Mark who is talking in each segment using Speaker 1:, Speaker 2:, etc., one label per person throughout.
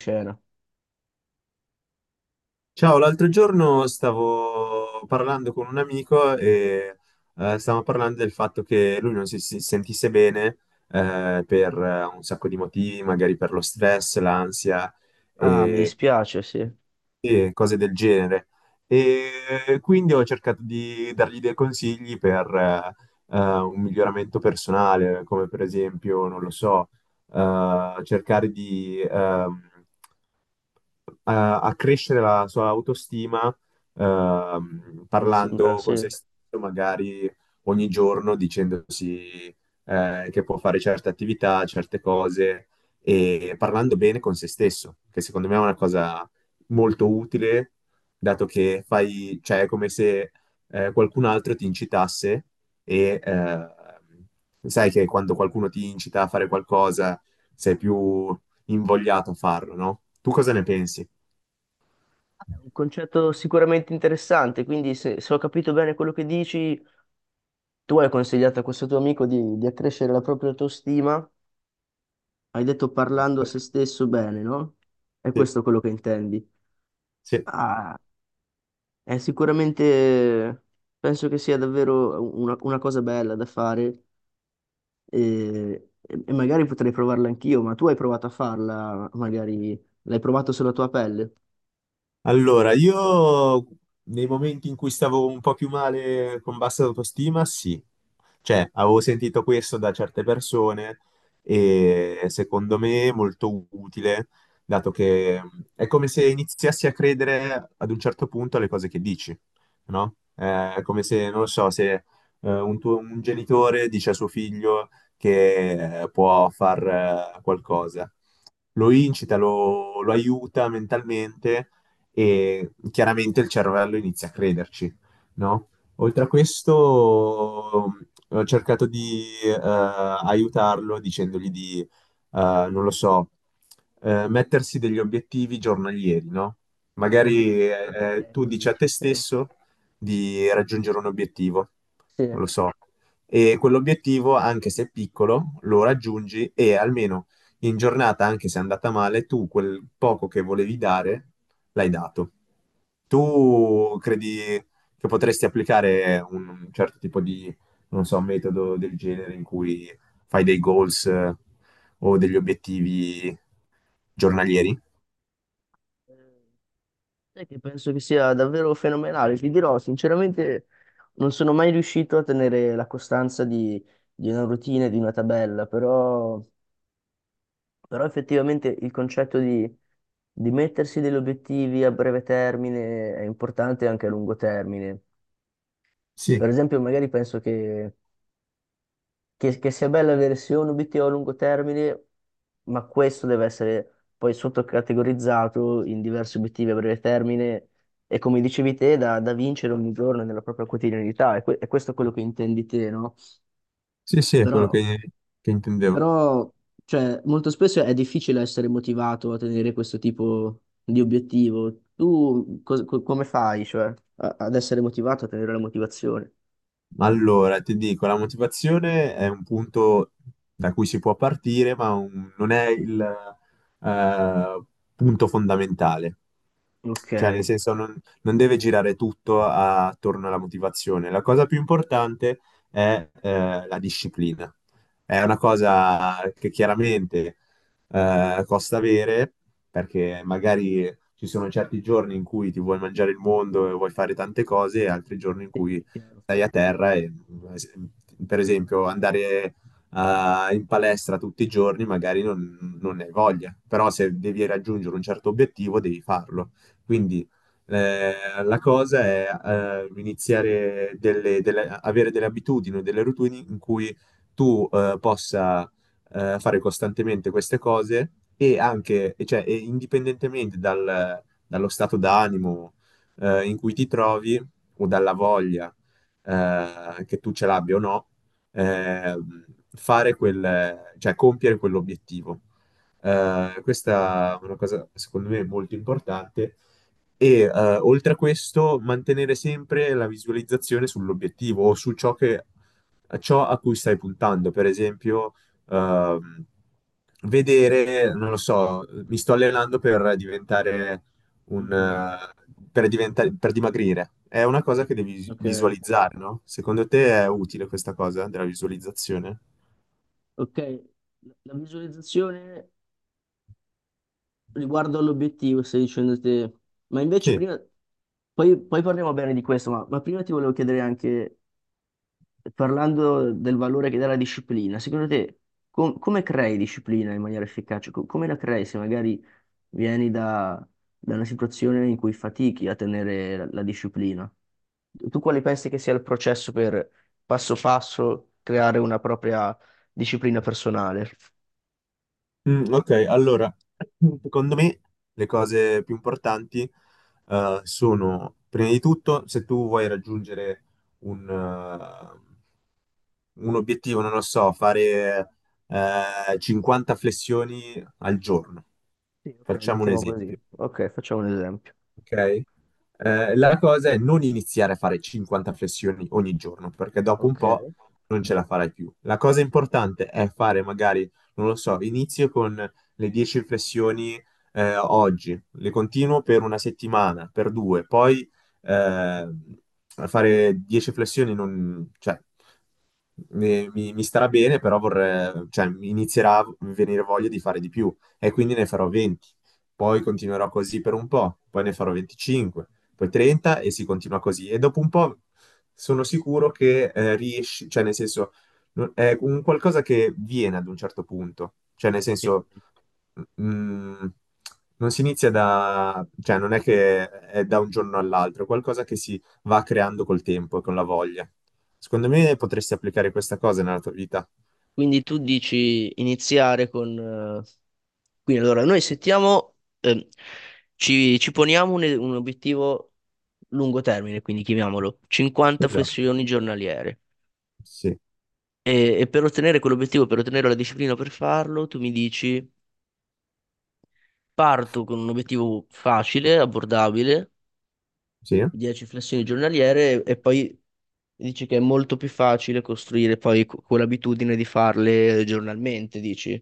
Speaker 1: Cena.
Speaker 2: Ciao, l'altro giorno stavo parlando con un amico e stavamo parlando del fatto che lui non si sentisse bene per un sacco di motivi, magari per lo stress, l'ansia, Mm,
Speaker 1: Ah, mi
Speaker 2: e,
Speaker 1: dispiace, sì.
Speaker 2: sì, e cose del genere. E quindi ho cercato di dargli dei consigli per un miglioramento personale, come per esempio, non lo so, cercare di a crescere la sua autostima,
Speaker 1: Mi sembra,
Speaker 2: parlando
Speaker 1: sì.
Speaker 2: con
Speaker 1: È
Speaker 2: se stesso magari ogni giorno dicendosi che può fare certe attività, certe cose e parlando bene con se stesso, che secondo me è una cosa molto utile, dato che fai, cioè, è come se qualcun altro ti incitasse e sai che quando qualcuno ti incita a fare qualcosa sei più invogliato a farlo, no? Tu cosa ne pensi?
Speaker 1: un concetto sicuramente interessante, quindi se ho capito bene quello che dici, tu hai consigliato a questo tuo amico di accrescere la propria autostima, hai detto parlando a
Speaker 2: Esatto.
Speaker 1: se stesso bene, no? È
Speaker 2: Sì,
Speaker 1: questo quello che intendi.
Speaker 2: sì.
Speaker 1: Ah, è sicuramente, penso che sia davvero una cosa bella da fare e magari potrei provarla anch'io, ma tu hai provato a farla, magari l'hai provato sulla tua pelle.
Speaker 2: Allora, io nei momenti in cui stavo un po' più male con bassa autostima, sì. Cioè, avevo sentito questo da certe persone e secondo me è molto utile, dato che è come se iniziassi a credere ad un certo punto alle cose che dici, no? È come se, non lo so, se un genitore dice a suo figlio che può far qualcosa, lo incita, lo aiuta mentalmente e chiaramente il cervello inizia a crederci, no? Oltre a questo, ho cercato di aiutarlo dicendogli di, non lo so, mettersi degli obiettivi giornalieri, no? Magari
Speaker 1: Obiettivi
Speaker 2: tu
Speaker 1: giornalieri,
Speaker 2: dici a
Speaker 1: dici?
Speaker 2: te stesso di raggiungere un obiettivo,
Speaker 1: Sì.
Speaker 2: non lo so, e quell'obiettivo, anche se è piccolo, lo raggiungi e almeno in giornata, anche se è andata male, tu quel poco che volevi dare l'hai dato. Tu credi che potresti applicare un certo tipo di, non so, metodo del genere in cui fai dei goals o degli obiettivi giornalieri?
Speaker 1: Sai che penso che sia davvero fenomenale, ti dirò, sinceramente non sono mai riuscito a tenere la costanza di una routine, di una tabella, però effettivamente il concetto di mettersi degli obiettivi a breve termine è importante anche a lungo termine. Per
Speaker 2: Sì,
Speaker 1: esempio, magari penso che sia bella avere sia un obiettivo a lungo termine, ma questo deve essere poi sottocategorizzato in diversi obiettivi a breve termine e come dicevi te, da vincere ogni giorno nella propria quotidianità, e, e questo è quello che intendi te, no?
Speaker 2: sì, sì, è
Speaker 1: Però,
Speaker 2: quello che intendevo.
Speaker 1: però cioè, molto spesso è difficile essere motivato a tenere questo tipo di obiettivo. Tu come fai, cioè, ad essere motivato, a tenere la motivazione?
Speaker 2: Allora, ti dico, la motivazione è un punto da cui si può partire, ma non è il eh, punto fondamentale.
Speaker 1: Ok,
Speaker 2: Cioè, nel senso, non, non deve girare tutto attorno alla motivazione. La cosa più importante è la disciplina. È una cosa che chiaramente costa avere, perché magari ci sono certi giorni in cui ti vuoi mangiare il mondo e vuoi fare tante cose, e altri giorni in
Speaker 1: sì, è
Speaker 2: cui
Speaker 1: chiaro.
Speaker 2: stai a terra e, per esempio, andare in palestra tutti i giorni magari non, non ne hai voglia, però se devi raggiungere un certo obiettivo devi farlo. Quindi eh, la cosa è iniziare delle, avere delle abitudini, delle routine in cui tu possa fare costantemente queste cose e anche, e cioè, e indipendentemente dallo stato d'animo in cui ti trovi o dalla voglia che tu ce l'abbia o no, ehm, fare quel, cioè compiere quell'obiettivo. Questa è una cosa, secondo me, molto importante. E oltre a questo, mantenere sempre la visualizzazione sull'obiettivo o su ciò che ciò a cui stai puntando. Per esempio, ehm, vedere, non lo so, mi sto allenando per diventare un,
Speaker 1: Mhm.
Speaker 2: eh, per diventare, per dimagrire. È una cosa
Speaker 1: Sì.
Speaker 2: che devi
Speaker 1: Ok.
Speaker 2: visualizzare, no? Secondo te è utile questa cosa della visualizzazione?
Speaker 1: Ok, la visualizzazione riguardo all'obiettivo, stai dicendo te, ma invece
Speaker 2: Sì.
Speaker 1: prima, poi parliamo bene di questo, ma prima ti volevo chiedere anche, parlando del valore che dà la disciplina, secondo te come crei disciplina in maniera efficace? Come la crei se magari vieni da una situazione in cui fatichi a tenere la disciplina? Tu quale pensi che sia il processo per passo passo creare una propria disciplina personale?
Speaker 2: Mm, ok, allora, secondo me le cose più importanti sono, prima di tutto, se tu vuoi raggiungere un, eh, un obiettivo, non lo so, fare 50 flessioni al giorno,
Speaker 1: Sì, ok,
Speaker 2: facciamo un
Speaker 1: mettiamo così.
Speaker 2: esempio.
Speaker 1: Ok, facciamo un esempio.
Speaker 2: Ok? La cosa è non iniziare a fare 50 flessioni ogni giorno, perché dopo un
Speaker 1: Ok.
Speaker 2: po' non ce la farai più. La cosa importante è fare magari, non lo so, inizio con le 10 flessioni oggi, le continuo per una settimana, per due, poi eh, fare 10 flessioni non, cioè, mi starà bene, però vorrei, cioè, mi inizierà a venire voglia di fare di più e quindi ne farò 20, poi continuerò così per un po', poi ne farò 25, poi 30 e si continua così. E dopo un po' sono sicuro che riesci, cioè nel senso, è un qualcosa che viene ad un certo punto, cioè nel
Speaker 1: Ok.
Speaker 2: senso, mm, non si inizia da, cioè non è che è da un giorno all'altro, è qualcosa che si va creando col tempo e con la voglia. Secondo me potresti applicare questa cosa nella tua vita.
Speaker 1: Quindi tu dici iniziare con quindi allora noi settiamo, ehm, ci poniamo un obiettivo lungo termine, quindi chiamiamolo 50
Speaker 2: Esatto,
Speaker 1: flessioni giornaliere.
Speaker 2: sì,
Speaker 1: E per ottenere quell'obiettivo, per ottenere la disciplina per farlo, tu mi dici parto con un obiettivo facile, abbordabile,
Speaker 2: sì,
Speaker 1: 10 flessioni giornaliere e poi dici che è molto più facile costruire poi quell'abitudine di farle giornalmente, dici?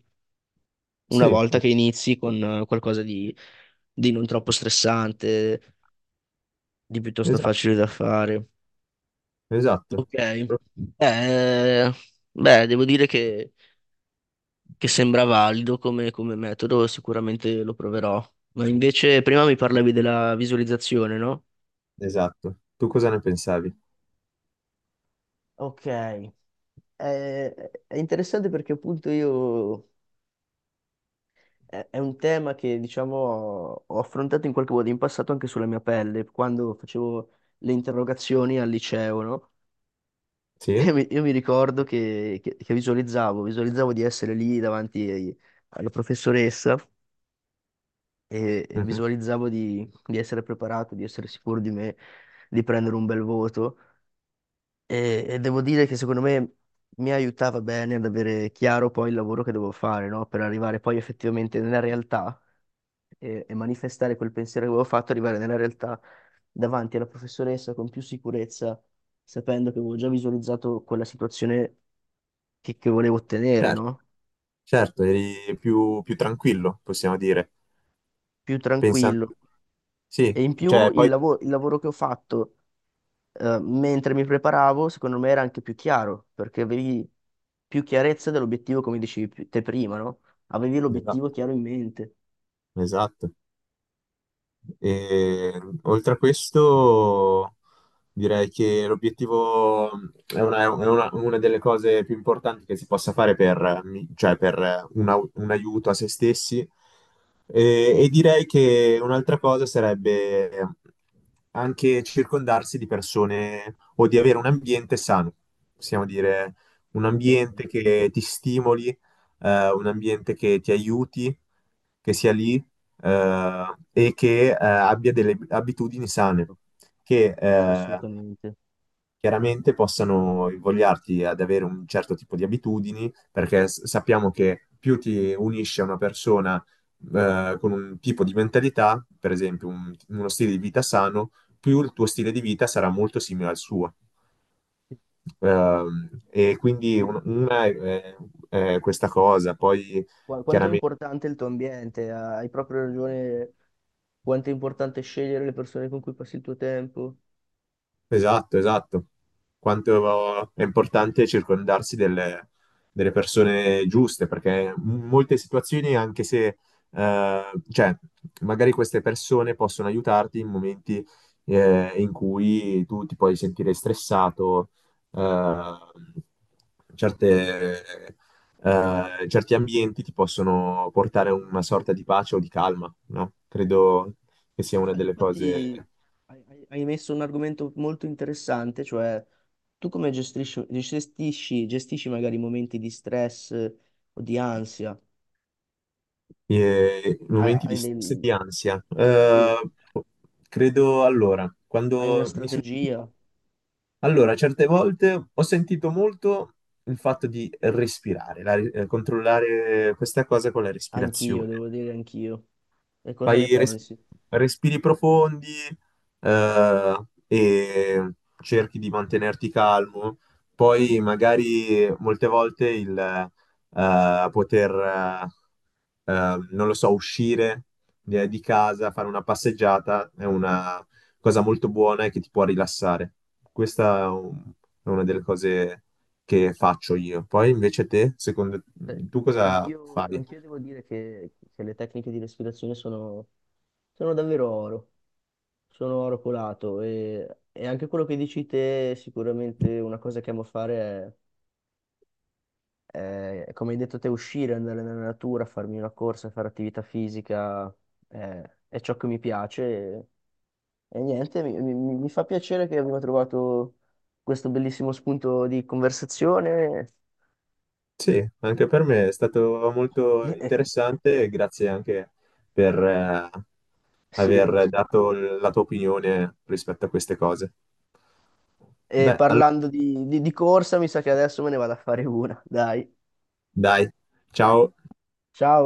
Speaker 1: Una
Speaker 2: sì,
Speaker 1: volta che inizi con qualcosa di non troppo stressante, di piuttosto facile
Speaker 2: esatto,
Speaker 1: da fare.
Speaker 2: esatto.
Speaker 1: Ok. Eh, beh, devo dire che sembra valido come metodo, sicuramente lo proverò. Ma invece prima mi parlavi della visualizzazione, no?
Speaker 2: Esatto. Tu cosa ne pensavi?
Speaker 1: Ok. Eh, è interessante perché appunto io è un tema che, diciamo, ho affrontato in qualche modo in passato anche sulla mia pelle, quando facevo le interrogazioni al liceo, no?
Speaker 2: Sì?
Speaker 1: E io mi ricordo che visualizzavo, visualizzavo di essere lì davanti alla professoressa e
Speaker 2: Mhm.
Speaker 1: visualizzavo di essere preparato, di essere sicuro di me, di prendere un bel voto. E devo dire che secondo me mi aiutava bene ad avere chiaro poi il lavoro che devo fare, no? Per arrivare poi effettivamente nella realtà e manifestare quel pensiero che avevo fatto, arrivare nella realtà davanti alla professoressa con più sicurezza, sapendo che avevo già visualizzato quella situazione che volevo ottenere,
Speaker 2: Certo,
Speaker 1: no?
Speaker 2: certo, eri più, più tranquillo, possiamo dire.
Speaker 1: Più
Speaker 2: Pensando...
Speaker 1: tranquillo.
Speaker 2: Sì,
Speaker 1: E in più
Speaker 2: cioè
Speaker 1: il
Speaker 2: poi...
Speaker 1: il lavoro che ho fatto mentre mi preparavo, secondo me era anche più chiaro, perché avevi più chiarezza dell'obiettivo, come dicevi te prima, no? Avevi
Speaker 2: Esatto,
Speaker 1: l'obiettivo chiaro in mente.
Speaker 2: esatto. E, oltre a questo, direi che l'obiettivo è una, una delle cose più importanti che si possa fare per, cioè per un aiuto a se stessi. E direi che un'altra cosa sarebbe anche circondarsi di persone o di avere un ambiente sano, possiamo dire un
Speaker 1: Ok,
Speaker 2: ambiente che ti stimoli, un ambiente che ti aiuti, che sia lì eh, e che abbia delle abitudini sane,
Speaker 1: ok,
Speaker 2: che
Speaker 1: assolutamente.
Speaker 2: chiaramente possano invogliarti ad avere un certo tipo di abitudini, perché sappiamo che più ti unisci a una persona con un tipo di mentalità, per esempio uno stile di vita sano, più il tuo stile di vita sarà molto simile al suo. E quindi
Speaker 1: Quindi
Speaker 2: è questa cosa, poi
Speaker 1: Quanto è
Speaker 2: chiaramente.
Speaker 1: importante il tuo ambiente? Ah, hai proprio ragione. Quanto è importante scegliere le persone con cui passi il tuo tempo.
Speaker 2: Esatto, esatto. Quanto è importante circondarsi delle, delle persone giuste, perché in molte situazioni, anche se, eh, cioè, magari queste persone possono aiutarti in momenti, in cui tu ti puoi sentire stressato, eh, certe, certi ambienti ti possono portare a una sorta di pace o di calma, no? Credo che
Speaker 1: Ma
Speaker 2: sia una delle cose
Speaker 1: infatti, hai messo un argomento molto interessante, cioè tu come gestisci magari momenti di stress o di ansia? Hai,
Speaker 2: momenti
Speaker 1: hai
Speaker 2: di stress e di
Speaker 1: del-
Speaker 2: ansia.
Speaker 1: sì,
Speaker 2: Credo allora,
Speaker 1: hai una
Speaker 2: quando mi succede...
Speaker 1: strategia?
Speaker 2: Allora, certe volte ho sentito molto il fatto di respirare, controllare questa cosa con la
Speaker 1: Anch'io,
Speaker 2: respirazione.
Speaker 1: devo dire anch'io. E cosa ne
Speaker 2: Fai
Speaker 1: pensi?
Speaker 2: respiri profondi, eh, e cerchi di mantenerti calmo. Poi magari molte volte il poter, non lo so, uscire di casa, fare una passeggiata è una cosa molto buona e che ti può rilassare. Questa è è una delle cose che faccio io. Poi invece te, secondo
Speaker 1: Eh,
Speaker 2: tu cosa
Speaker 1: Anch'io,
Speaker 2: fai?
Speaker 1: anch'io devo dire che le tecniche di respirazione sono sono davvero oro. Sono arrucolato e anche quello che dici te, sicuramente una cosa che amo fare è, come hai detto te, uscire, andare nella natura, farmi una corsa, fare attività fisica, è, è ciò che mi piace e, e niente, mi fa piacere che abbiamo trovato questo bellissimo spunto di conversazione.
Speaker 2: Sì, anche per me è stato molto interessante e grazie anche per
Speaker 1: Sì,
Speaker 2: aver dato la tua opinione rispetto a queste cose.
Speaker 1: e
Speaker 2: Beh, allora,
Speaker 1: parlando di corsa, mi sa che adesso me ne vado a fare una, dai.
Speaker 2: dai, ciao.
Speaker 1: Ciao!